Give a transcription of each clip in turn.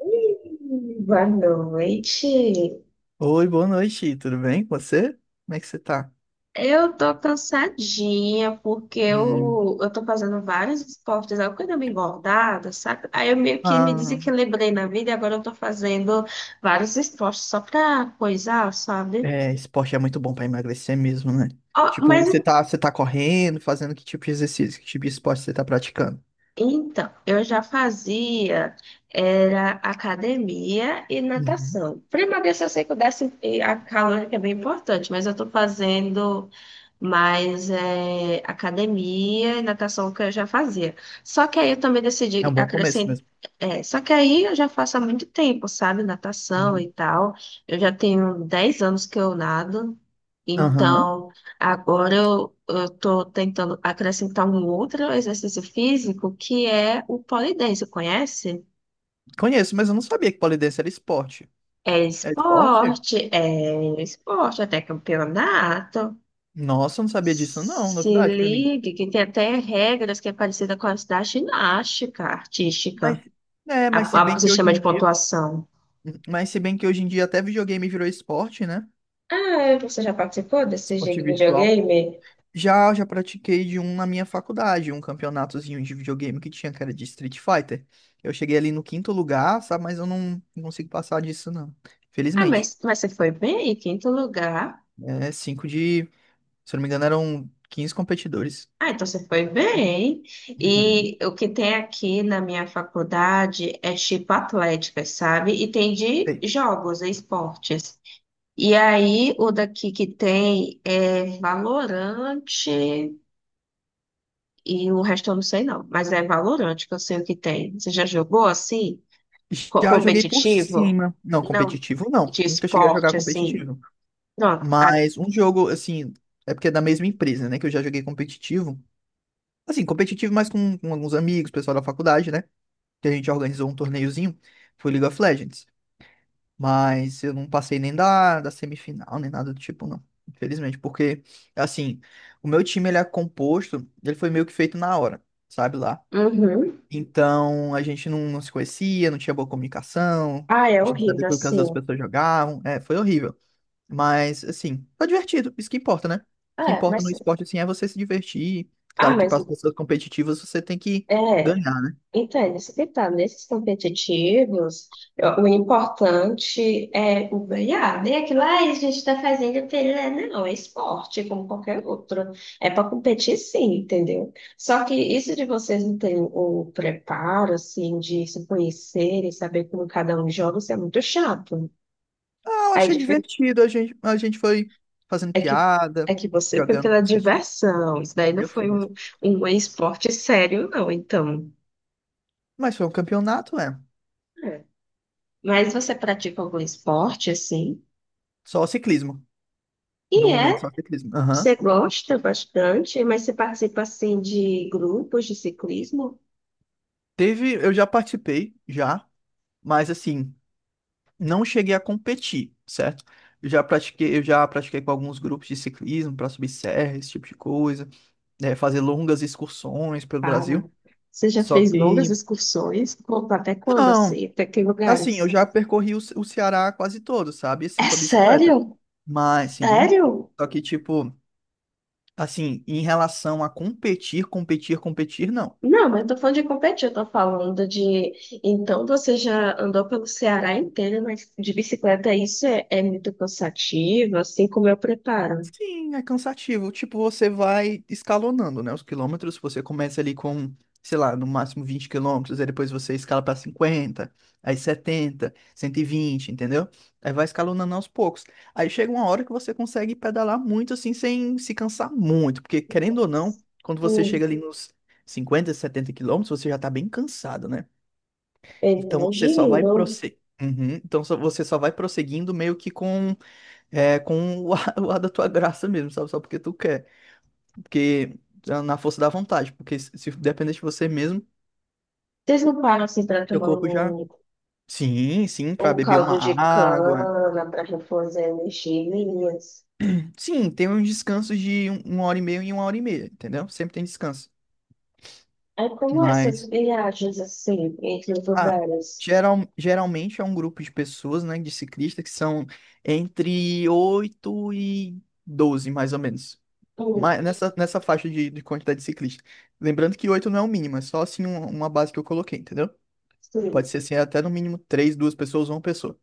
Oi, boa noite. Oi, boa noite, tudo bem com você? Como é que você tá? Eu tô cansadinha porque Hum, eu tô fazendo vários esportes, eu quero me engordada, sabe? Aí eu meio que me ah, desequilibrei na vida e agora eu tô fazendo vários esportes só pra coisar, sabe? é, esporte é muito bom pra emagrecer mesmo, né? Ó, Tipo, mas você tá correndo, fazendo que tipo de exercício, que tipo de esporte você tá praticando? então, eu já fazia era academia e Uhum. natação. Para emagrecer, eu sei que o déficit e a calórica é bem importante, mas eu estou fazendo mais academia e natação que eu já fazia. Só que aí eu também É decidi um bom começo acrescentar. mesmo. É, só que aí eu já faço há muito tempo, sabe? Natação e Uhum. tal. Eu já tenho 10 anos que eu nado. Aham. Então, agora eu estou tentando acrescentar um outro exercício físico que é o pole dance, conhece? Conheço, mas eu não sabia que pole dance era esporte. É É esporte? esporte, é um esporte, até campeonato. Nossa, eu não sabia disso, não, Se novidade pra mim. ligue, que tem até regras que é parecida com as da ginástica Mas, artística. mas se bem O que hoje sistema em de dia, pontuação. Mas se bem que hoje em dia até videogame virou esporte, né? Ah, você já participou desse jogo Esporte de virtual. videogame? Já pratiquei de um na minha faculdade, um campeonatozinho de videogame que tinha, que era de Street Fighter. Eu cheguei ali no quinto lugar, sabe? Mas eu não consigo passar disso, não. Ah, Felizmente. Mas você foi bem, em quinto lugar. É cinco de... Se eu não me engano, eram 15 competidores. Ah, então você foi bem. Uhum. E o que tem aqui na minha faculdade é tipo atlética, sabe? E tem de Sei. jogos, e esportes. E aí o daqui que tem é Valorante e o resto eu não sei não, mas é Valorante que eu sei o que tem. Você já jogou assim? Já joguei por Competitivo? cima. Não, Não, competitivo não. de Nunca cheguei a jogar esporte assim. competitivo. Pronto. Mas um jogo, assim, é porque é da mesma empresa, né? Que eu já joguei competitivo. Assim, competitivo, mas com alguns amigos, pessoal da faculdade, né? Que a gente organizou um torneiozinho. Foi League of Legends. Mas eu não passei nem da semifinal, nem nada do tipo, não. Infelizmente, porque, assim, o meu time, ele é composto, ele foi meio que feito na hora, sabe lá. Uhum. Então, a gente não se conhecia, não tinha boa comunicação, Ah, é a gente não sabia horrível, o que as outras assim. pessoas jogavam, foi horrível. Mas, assim, foi divertido, isso que importa, né? O que É, importa mas. no esporte, assim, é você se divertir. Ah, Claro que mas. para as pessoas competitivas você tem que É. ganhar, né? Então, é isso que tá. Nesses competitivos, o importante é o ganhar, né? Aquilo, ah, a gente está fazendo pela... Não, é esporte, como qualquer outro. É para competir, sim, entendeu? Só que isso de vocês não terem o preparo, assim, de se conhecer e saber como cada um joga, isso é muito chato. Ah, eu Aí achei dific- divertido, a gente foi fazendo é que, piada, é que você foi jogando pela diversão. Isso daí não Já fui foi mesmo. Um esporte sério, não, então. Mas foi um campeonato, é. É. Mas você pratica algum esporte, assim? Só ciclismo. No E é, momento, só ciclismo. Aham. você gosta bastante, mas você participa assim de grupos de ciclismo? Teve, eu já participei, já, mas assim, não cheguei a competir, certo? Eu já pratiquei com alguns grupos de ciclismo para subir serra, esse tipo de coisa, né, fazer longas excursões pelo Para. Brasil. Você já Só fez longas que, excursões? Conta até quando não, assim? Até que assim, eu lugares? já percorri o Ceará quase todo, sabe? Assim, É com a bicicleta. sério? Mas, sim, Sério? só que, tipo, assim, em relação a competir, competir, competir, não. Não, mas eu tô falando de competir, eu tô falando de. Então você já andou pelo Ceará inteiro, mas de bicicleta isso é muito cansativo, assim como eu preparo. Sim, é cansativo. Tipo, você vai escalonando, né? Os quilômetros, você começa ali com, sei lá, no máximo 20 quilômetros, aí depois você escala para 50, aí 70, 120, entendeu? Aí vai escalonando aos poucos. Aí chega uma hora que você consegue pedalar muito assim, sem se cansar muito, porque querendo ou não, Nossa. quando você Hum, chega ali nos 50, 70 quilômetros, você já tá bem cansado, né? eu Então você só vai imagino. prosseguir. Então você só vai prosseguindo meio que com o ar, o ar da tua graça mesmo, sabe? Só porque tu quer. Porque tá na força da vontade. Porque se depender de você mesmo, Vocês não param assim para teu tomar corpo já. Sim, sim, pra um beber uma caldo de água. cana para reforçar energias. Sim, tem uns descansos de uma hora e meia e uma hora e meia, entendeu? Sempre tem descanso. Aí como essas Mas, viagens assim, entre os ah, lugares? geralmente é um grupo de pessoas, né, de ciclistas, que são entre 8 e 12, mais ou menos. Hum, Mas nessa faixa de quantidade de ciclistas. Lembrando que 8 não é o mínimo, é só assim uma base que eu coloquei, entendeu? Pode sim. ser assim, é até no mínimo três, duas pessoas ou uma pessoa.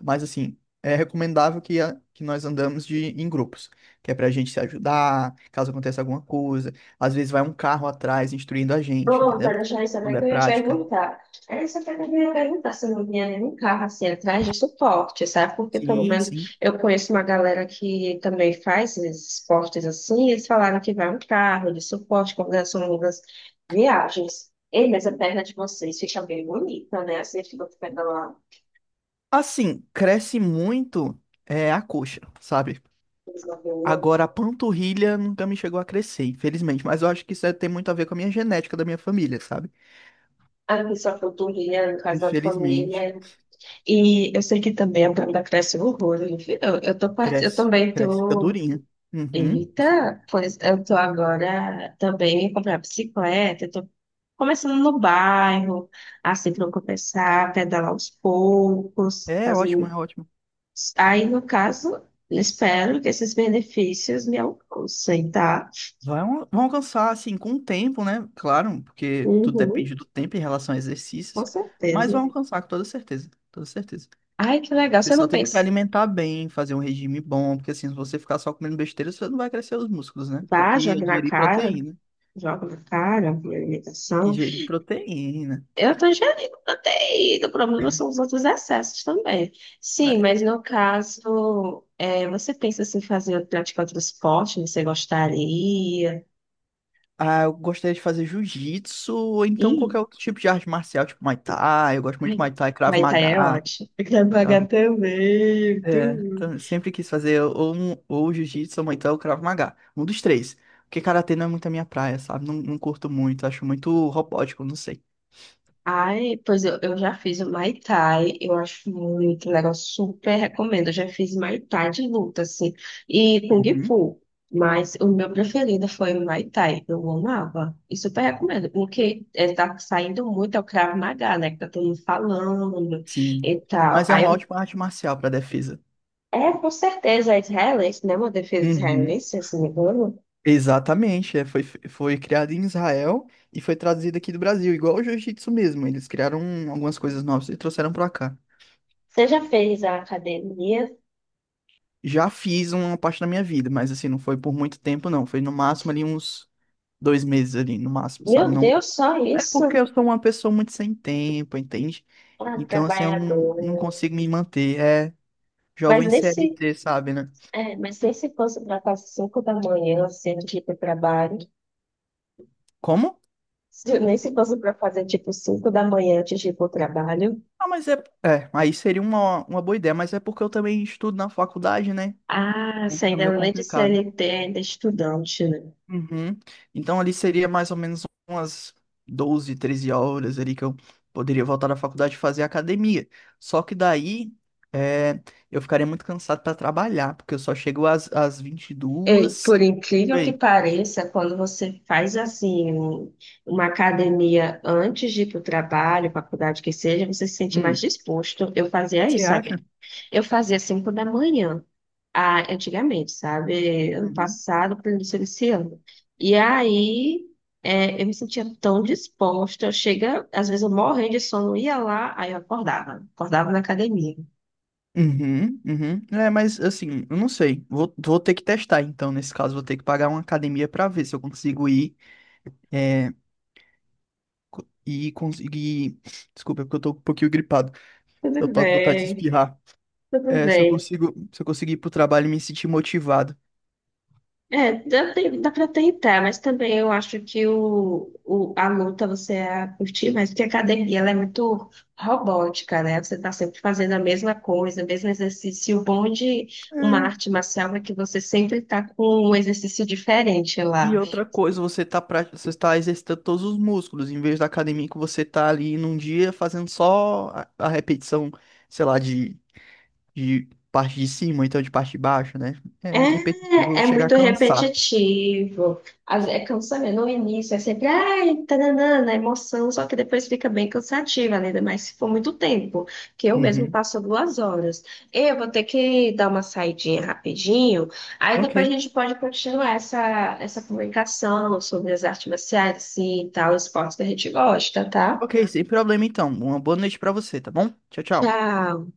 Mas assim, é recomendável que, que nós andamos em grupos, que é pra gente se ajudar, caso aconteça alguma coisa. Às vezes vai um carro atrás instruindo a gente, Pronto, entendeu? deixa eu Quando saber é que eu ia prática. perguntar. Aí você até ia perguntar se não vinha nenhum carro assim atrás de suporte, sabe? Porque pelo Sim, menos sim. eu conheço uma galera que também faz esses esportes assim, e eles falaram que vai um carro de suporte quando são longas viagens. Ei, mas a perna de vocês fica bem bonita, né? Assim, fica pegando lá. Assim, cresce muito a coxa, sabe? Agora, a panturrilha nunca me chegou a crescer, infelizmente. Mas eu acho que isso tem muito a ver com a minha genética da minha família, sabe? Aqui só coturno, casa de Infelizmente. família. E eu sei que também a banda cresce horror. Enfim, tô part... eu Cresce. também Cresce, fica tô. durinha. Uhum. Eita, pois eu tô agora também comprando bicicleta. Eu tô começando no bairro, assim, pra eu começar a pedalar aos poucos. É Fazer... ótimo, é ótimo. Aí, no caso, espero que esses benefícios me alcancem, tá? Vai, vão alcançar, assim, com o tempo, né? Claro, porque tudo Uhum, depende do tempo em relação a com exercícios. Mas certeza. vão alcançar, com toda certeza. Toda certeza. Ai, que legal. Você Você não só tem que se pensa. alimentar bem, fazer um regime bom, porque assim, se você ficar só comendo besteira, você não vai crescer os músculos, né? Tem Vá, que jogue na ingerir cara. proteína. Joga na cara, a Tem que alimentação. ingerir proteína. Eu tô ingerindo proteína, o problema são os outros excessos também. Sim, É, mas no caso, é, você pensa assim, fazer praticar outro esporte, você gostaria? Ah, eu gostaria de fazer jiu-jitsu, ou então Ih, qualquer outro tipo de arte marcial, tipo Muay Thai. Eu gosto muito de ai, Muay Thai, Krav vai estar é Maga. ótimo. Eu quero Krav... pagar também, É, tudo. então, eu sempre quis fazer ou jiu-jitsu, ou Muay Thai, ou Krav Maga. Um dos três. Porque karatê não é muito a minha praia, sabe? Não, não curto muito, acho muito robótico, não sei. Ai, pois eu já fiz o Muay Thai, eu acho muito legal, super recomendo. Eu já fiz Muay Thai de luta, assim, e Kung Uhum. Fu, mas o meu preferido foi o Muay Thai, eu amava, e super recomendo. O que está saindo muito é o Krav Maga, né, que tá todo mundo falando Sim. e tal. Mas é Aí uma eu, ótima arte marcial para defesa. é, com certeza, é israelense, né, uma defesa Uhum. israelense, se não me engano. Exatamente, foi criado em Israel e foi traduzido aqui do Brasil, igual o jiu-jitsu mesmo. Eles criaram algumas coisas novas e trouxeram para cá. Você já fez a academia? Já fiz uma parte da minha vida, mas assim, não foi por muito tempo, não. Foi no máximo ali uns 2 meses ali, no máximo, sabe? Meu Não... Deus, só É isso? porque eu sou uma pessoa muito sem tempo, entende? Ah, Então, assim, eu não, trabalhador. não consigo me manter. É Mas jovem nesse CLT, sabe, né? é, mas nem se fosse para fazer 5 da manhã, assim, antes de ir para o trabalho. Como? Nem se fosse para fazer, tipo, 5 da manhã antes de ir para o trabalho. Ah, mas é. É, aí seria uma boa ideia, mas é porque eu também estudo na faculdade, né? Ah, Então, se fica ainda meio além de complicado. CLT, ainda é estudante, né? Uhum. Então ali seria mais ou menos umas 12, 13 horas ali que eu poderia voltar da faculdade e fazer academia. Só que daí, é, eu ficaria muito cansado para trabalhar, porque eu só chego às Ei, por 22. Por incrível que aí. pareça, quando você faz, assim, uma academia antes de ir para o trabalho, faculdade que seja, você se sente mais Hum. disposto. Eu fazia Você isso, sabe? acha? Eu fazia 5 da manhã. Ah, antigamente, sabe? Ano Uhum. passado, para início desse ano. E aí, é, eu me sentia tão disposta. Chega, às vezes eu morrendo de sono, ia lá, aí eu acordava. Acordava na academia. Uhum, uhum. É, mas assim, eu não sei. Vou ter que testar, então, nesse caso, vou ter que pagar uma academia para ver se eu consigo ir. É, e conseguir. Desculpa, porque eu tô um pouquinho gripado. Eu Tudo tô com vontade de bem, espirrar. tudo É, bem. Se eu conseguir ir pro trabalho e me sentir motivado. É, dá, dá pra tentar, mas também eu acho que a luta você ia curtir mais, porque a academia ela é muito robótica, né? Você tá sempre fazendo a mesma coisa, o mesmo exercício. E o bom de uma É. arte marcial é que você sempre tá com um exercício diferente E lá. outra coisa, você tá exercitando todos os músculos, em vez da academia que você tá ali num dia fazendo só a repetição, sei lá, de parte de cima, então de parte de baixo, né? É muito repetitivo, É, é chegar a muito cansar. repetitivo. É cansativo. No início é sempre, ai, tananana, emoção, só que depois fica bem cansativa, né? Ainda mais se for muito tempo, que eu mesmo Uhum. passo 2 horas. Eu vou ter que dar uma saidinha rapidinho, aí Ok. depois a gente pode continuar essa comunicação sobre as artes marciais assim, e tal, esportes que a gente gosta, tá? Ok, sem problema então. Uma boa noite pra você, tá bom? Tchau, tchau. Tchau.